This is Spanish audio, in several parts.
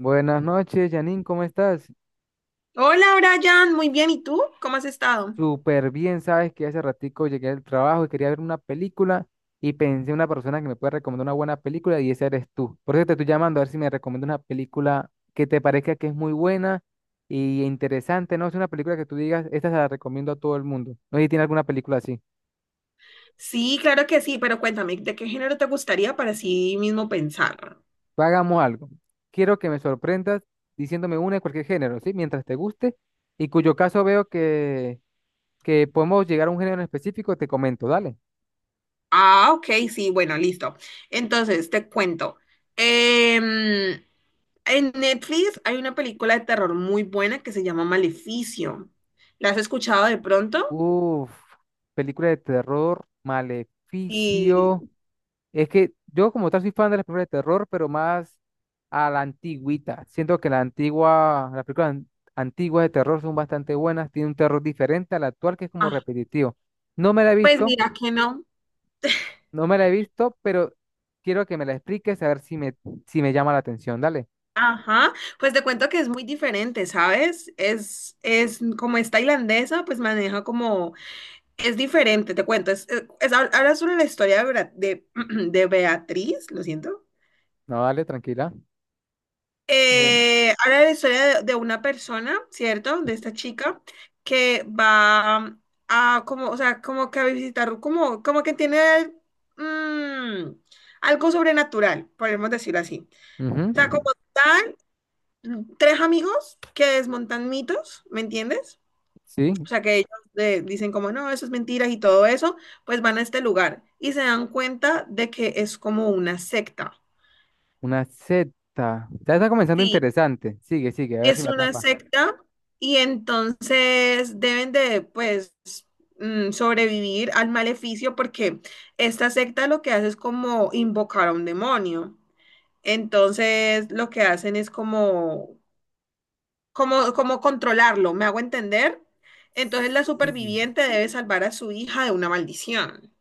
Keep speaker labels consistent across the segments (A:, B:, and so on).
A: Buenas noches, Janine, ¿cómo estás?
B: Hola Brian, muy bien. ¿Y tú? ¿Cómo has estado?
A: Súper bien, sabes que hace ratico llegué del trabajo y quería ver una película y pensé en una persona que me puede recomendar una buena película y esa eres tú. Por eso te estoy llamando a ver si me recomienda una película que te parezca que es muy buena y interesante, ¿no? Es una película que tú digas, esta se la recomiendo a todo el mundo. No sé si tiene alguna película así.
B: Sí, claro que sí, pero cuéntame, ¿de qué género te gustaría para sí mismo pensar?
A: Hagamos algo. Quiero que me sorprendas diciéndome una de cualquier género, ¿sí? Mientras te guste y cuyo caso veo que podemos llegar a un género en específico, te comento, dale.
B: Ah, ok, sí, bueno, listo. Entonces, te cuento. Em, en Netflix hay una película de terror muy buena que se llama Maleficio. ¿La has escuchado de pronto?
A: Uf, película de terror,
B: Y,
A: Maleficio. Es que yo como tal soy fan de las películas de terror, pero más a la antigüita. Siento que la antigua, las antiguas de terror son bastante buenas, tiene un terror diferente al actual que es como
B: ah,
A: repetitivo. No me la he
B: pues
A: visto,
B: mira que no.
A: no me la he visto, pero quiero que me la expliques a ver si me, si me llama la atención. Dale.
B: Ajá, pues te cuento que es muy diferente, ¿sabes? Es como es tailandesa, pues maneja como es diferente, te cuento. Ahora sobre la historia de, de Beatriz, lo siento.
A: No, dale, tranquila. Eh,
B: Ahora la historia de una persona, ¿cierto? De esta chica que va a como, o sea, como que a visitar, como, como que tiene mm, algo sobrenatural, podemos decirlo así. O sea, como
A: ujú.
B: tal, tres amigos que desmontan mitos, ¿me entiendes?
A: Sí,
B: O sea, que ellos dicen como, no, eso es mentira y todo eso, pues van a este lugar y se dan cuenta de que es como una secta.
A: una Z. Ya está comenzando
B: Sí,
A: interesante. Sigue, sigue, a ver si
B: es
A: me
B: una
A: atrapa.
B: secta y entonces deben de, pues, sobrevivir al maleficio porque esta secta lo que hace es como invocar a un demonio. Entonces, lo que hacen es como, como controlarlo, ¿me hago entender? Entonces, la
A: Sí,
B: superviviente debe salvar a su hija de una maldición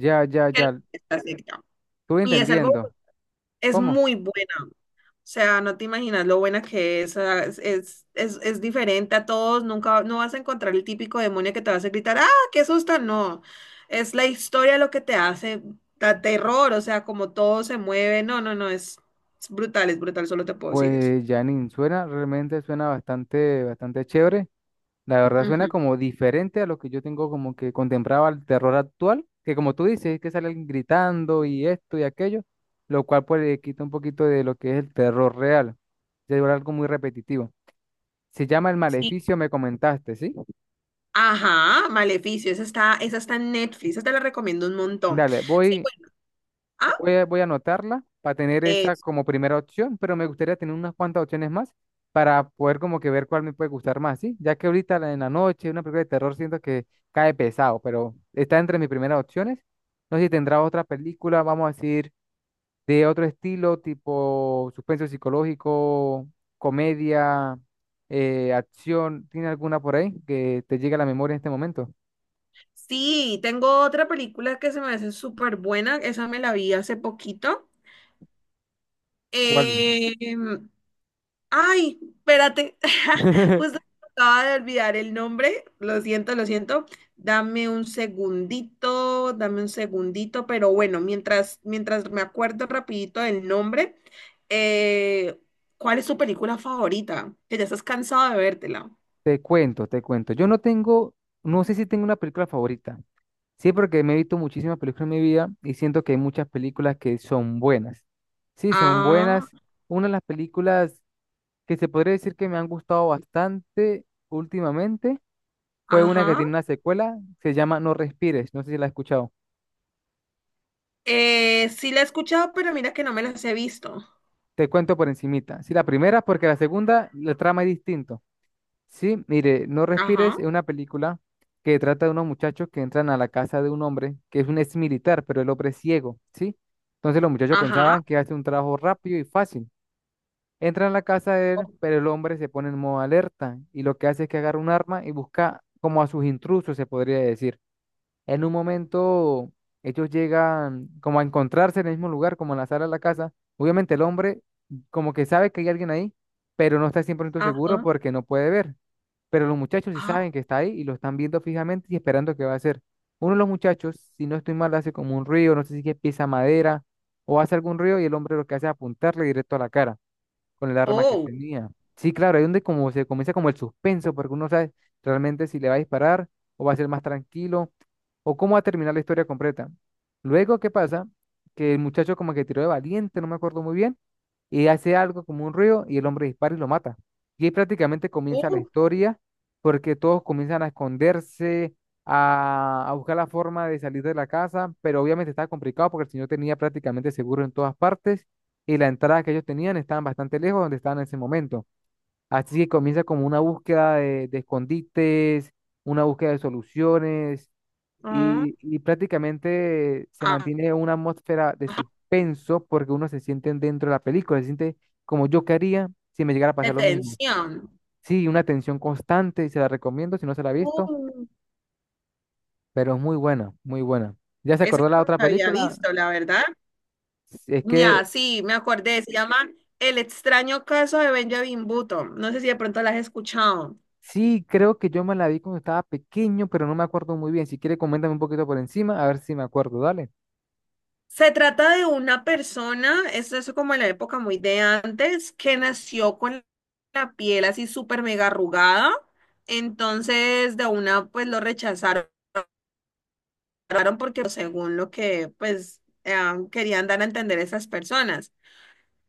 A: ya, ya,
B: que la
A: ya.
B: fiesta secta.
A: Estuve
B: Y es algo,
A: entendiendo.
B: es
A: ¿Cómo?
B: muy buena. O sea, no te imaginas lo buena que es. Es, es diferente a todos. Nunca no vas a encontrar el típico demonio que te va a hacer gritar, ¡ah, qué susto! No. Es la historia lo que te hace, da terror, o sea, como todo se mueve. No, no, no, es brutal, solo te puedo decir eso.
A: Pues Janine, suena, realmente suena bastante, bastante chévere. La verdad suena
B: Ujú.
A: como diferente a lo que yo tengo como que contemplaba el terror actual, que como tú dices, es que salen gritando y esto y aquello, lo cual pues le quita un poquito de lo que es el terror real. Se vuelve algo muy repetitivo. Se llama El
B: Sí.
A: Maleficio, me comentaste, ¿sí?
B: Ajá, Maleficio, esa está en Netflix, esa te la recomiendo un montón.
A: Dale,
B: Sí,
A: voy.
B: bueno, ah,
A: Voy a anotarla para tener
B: eh,
A: esa como primera opción, pero me gustaría tener unas cuantas opciones más para poder como que ver cuál me puede gustar más, ¿sí? Ya que en la noche una película de terror siento que cae pesado, pero está entre mis primeras opciones. No sé si tendrá otra película, vamos a decir, de otro estilo, tipo suspenso psicológico, comedia, acción. ¿Tiene alguna por ahí que te llegue a la memoria en este momento?
B: sí, tengo otra película que se me hace súper buena, esa me la vi hace poquito.
A: ¿Cuál?
B: Eh, ay, espérate, justo me acaba de olvidar el nombre, lo siento, lo siento. Dame un segundito, pero bueno, mientras me acuerdo rapidito del nombre, eh, ¿cuál es tu película favorita? Que ya estás cansado de vértela.
A: Te cuento, te cuento. Yo no tengo, no sé si tengo una película favorita. Sí, porque me he visto muchísimas películas en mi vida y siento que hay muchas películas que son buenas. Sí, son
B: Ah,
A: buenas. Una de las películas que se podría decir que me han gustado bastante últimamente fue una que
B: ajá.
A: tiene una secuela, se llama No Respires. No sé si la has escuchado.
B: Sí la he escuchado, pero mira que no me las he visto.
A: Te cuento por encimita. Sí, la primera, porque la segunda, la trama es distinta. Sí, mire, No Respires
B: Ajá,
A: es una película que trata de unos muchachos que entran a la casa de un hombre que es un ex militar, pero el hombre es ciego, ¿sí? Entonces los muchachos
B: ajá,
A: pensaban que hace un trabajo rápido y fácil. Entran a la casa de él,
B: o-
A: pero el hombre se pone en modo alerta y lo que hace es que agarra un arma y busca como a sus intrusos, se podría decir. En un momento, ellos llegan como a encontrarse en el mismo lugar, como en la sala de la casa. Obviamente el hombre como que sabe que hay alguien ahí, pero no está 100% seguro
B: ajá,
A: porque no puede ver, pero los muchachos sí
B: ajá,
A: saben que está ahí y lo están viendo fijamente y esperando qué va a hacer. Uno de los muchachos, si no estoy mal, hace como un ruido, no sé si es que pisa madera o hace algún ruido y el hombre lo que hace es apuntarle directo a la cara con el arma que
B: oh,
A: tenía. Sí, claro, ahí es donde como se comienza como el suspenso, porque uno no sabe realmente si le va a disparar o va a ser más tranquilo o cómo va a terminar la historia completa. Luego, ¿qué pasa? Que el muchacho como que tiró de valiente, no me acuerdo muy bien, y hace algo como un ruido y el hombre dispara y lo mata. Y ahí prácticamente comienza la
B: uh,
A: historia porque todos comienzan a esconderse, a buscar la forma de salir de la casa, pero obviamente estaba complicado porque el señor tenía prácticamente seguro en todas partes y la entrada que ellos tenían estaban bastante lejos de donde estaban en ese momento. Así que comienza como una búsqueda de escondites, una búsqueda de soluciones
B: ah,
A: y prácticamente se mantiene una atmósfera de
B: ah,
A: suspenso porque uno se siente dentro de la película, se siente como yo quería si me llegara a pasar lo mismo.
B: detención.
A: Sí, una tensión constante y se la recomiendo si no se la ha visto,
B: Uh,
A: pero es muy buena, muy buena. ¿Ya se
B: esa
A: acordó la
B: no
A: otra
B: la había
A: película?
B: visto, la verdad.
A: Si Es que
B: Ya, sí, me acordé, se llama El extraño caso de Benjamin Button. No sé si de pronto la has escuchado.
A: sí, creo que yo me la vi cuando estaba pequeño, pero no me acuerdo muy bien. Si quiere, coméntame un poquito por encima, a ver si me acuerdo, dale.
B: Se trata de una persona, es eso como en la época muy de antes, que nació con la piel así súper mega arrugada. Entonces, de una, pues lo rechazaron cerraron porque pues, según lo que pues querían dar a entender esas personas.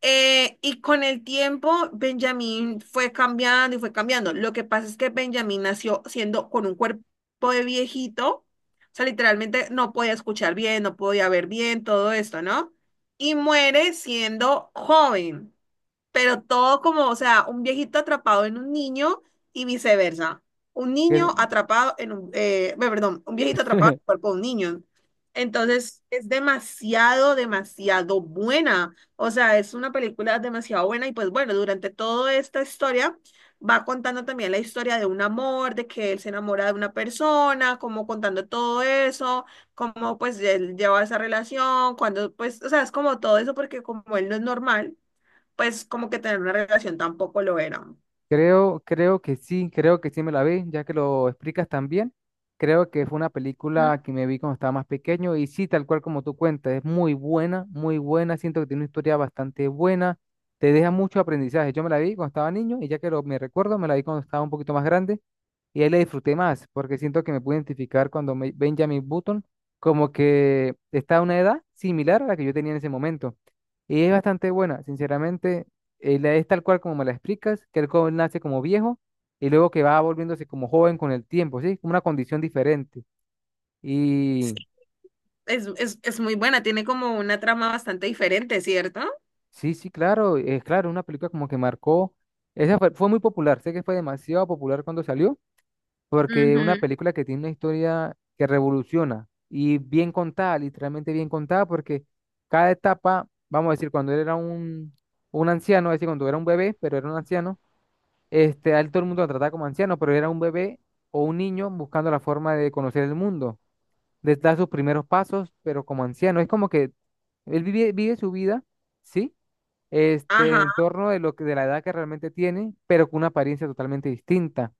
B: Y con el tiempo Benjamín fue cambiando y fue cambiando. Lo que pasa es que Benjamín nació siendo con un cuerpo de viejito, o sea, literalmente no podía escuchar bien, no podía ver bien, todo esto, ¿no? Y muere siendo joven pero todo como, o sea, un viejito atrapado en un niño y viceversa. Un
A: ¿Qué-
B: niño atrapado en un, bueno, perdón, un viejito atrapado en el cuerpo de un niño. Entonces, es demasiado, demasiado buena. O sea, es una película demasiado buena y pues bueno, durante toda esta historia va contando también la historia de un amor, de que él se enamora de una persona, como contando todo eso, cómo pues él lleva esa relación, cuando pues, o sea, es como todo eso porque como él no es normal pues como que tener una relación tampoco lo era.
A: Creo, creo que sí me la vi, ya que lo explicas también. Creo que fue una
B: Mm,
A: película que me vi cuando estaba más pequeño y sí, tal cual como tú cuentas, es muy buena, muy buena. Siento que tiene una historia bastante buena, te deja mucho aprendizaje. Yo me la vi cuando estaba niño y ya que lo, me recuerdo, me la vi cuando estaba un poquito más grande y ahí la disfruté más, porque siento que me pude identificar cuando me- Benjamin Button como que está a una edad similar a la que yo tenía en ese momento. Y es bastante buena, sinceramente, es tal cual como me la explicas, que el joven nace como viejo y luego que va volviéndose como joven con el tiempo, ¿sí? Como una condición diferente.
B: sí,
A: Y
B: es muy buena, tiene como una trama bastante diferente, ¿cierto?
A: sí, sí, claro, es claro, una película como que marcó, esa fue, fue muy popular, sé que fue demasiado popular cuando salió. Porque una
B: Ujú.
A: película que tiene una historia que revoluciona y bien contada, literalmente bien contada, porque cada etapa, vamos a decir, cuando un anciano, es decir, cuando era un bebé, pero era un anciano, este, a él todo el mundo lo trataba como anciano, pero era un bebé o un niño buscando la forma de conocer el mundo, de dar sus primeros pasos, pero como anciano. Es como que él vive, vive su vida, ¿sí? Este,
B: Ajá,
A: en torno de lo que, de la edad que realmente tiene, pero con una apariencia totalmente distinta.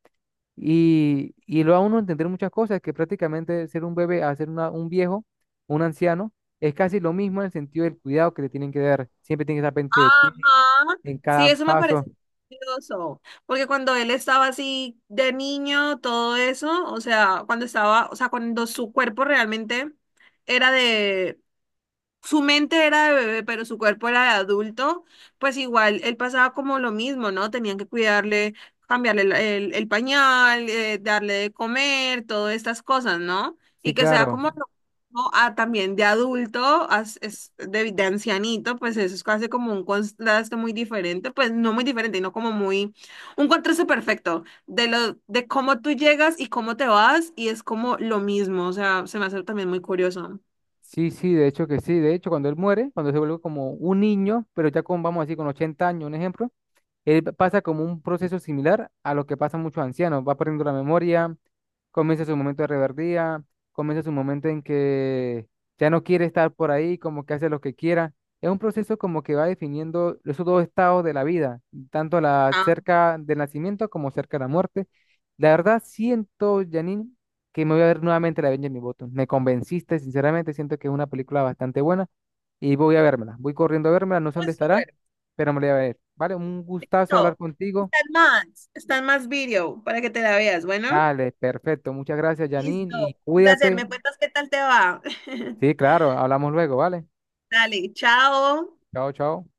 A: Y lo da uno a entender muchas cosas, que prácticamente ser un bebé a ser un viejo, un anciano, es casi lo mismo en el sentido del cuidado que le tienen que dar. Siempre tienen que estar pendiente de ti
B: ajá.
A: en
B: Sí,
A: cada
B: eso me
A: paso.
B: parece curioso, porque cuando él estaba así de niño, todo eso, o sea, cuando estaba, o sea, cuando su cuerpo realmente era de su mente era de bebé, pero su cuerpo era de adulto, pues igual él pasaba como lo mismo, ¿no? Tenían que cuidarle, cambiarle el pañal, darle de comer, todas estas cosas, ¿no?
A: Sí,
B: Y que sea
A: claro.
B: como lo mismo a, también de adulto, a- es de ancianito, pues eso es casi como un contraste muy diferente, pues no muy diferente, sino como muy, un contraste perfecto de lo, de cómo tú llegas y cómo te vas, y es como lo mismo, o sea, se me hace también muy curioso.
A: Sí, sí, de hecho que sí. De hecho, cuando él muere, cuando se vuelve como un niño, pero ya con, vamos a decir, con 80 años, un ejemplo, él pasa como un proceso similar a lo que pasa a muchos ancianos. Va perdiendo la memoria, comienza su momento de reverdía, comienza su momento en que ya no quiere estar por ahí, como que hace lo que quiera. Es un proceso como que va definiendo esos dos estados de la vida, tanto la
B: Ah,
A: cerca del nacimiento como cerca de la muerte. La verdad, siento, Janine, que me voy a ver nuevamente la Benjamin Button. Me convenciste, sinceramente, siento que es una película bastante buena y voy a vérmela. Voy corriendo a vérmela, no sé dónde
B: pues
A: estará,
B: súper.
A: pero me lo voy a ver. Vale, un gustazo hablar
B: Listo.
A: contigo.
B: Están más video para que te la veas. Bueno,
A: Dale, perfecto. Muchas gracias, Janine, y
B: listo. Un placer.
A: cuídate.
B: ¿Me cuentas qué tal te va?
A: Sí, claro, hablamos luego, ¿vale?
B: Dale, chao.
A: Chao, chao.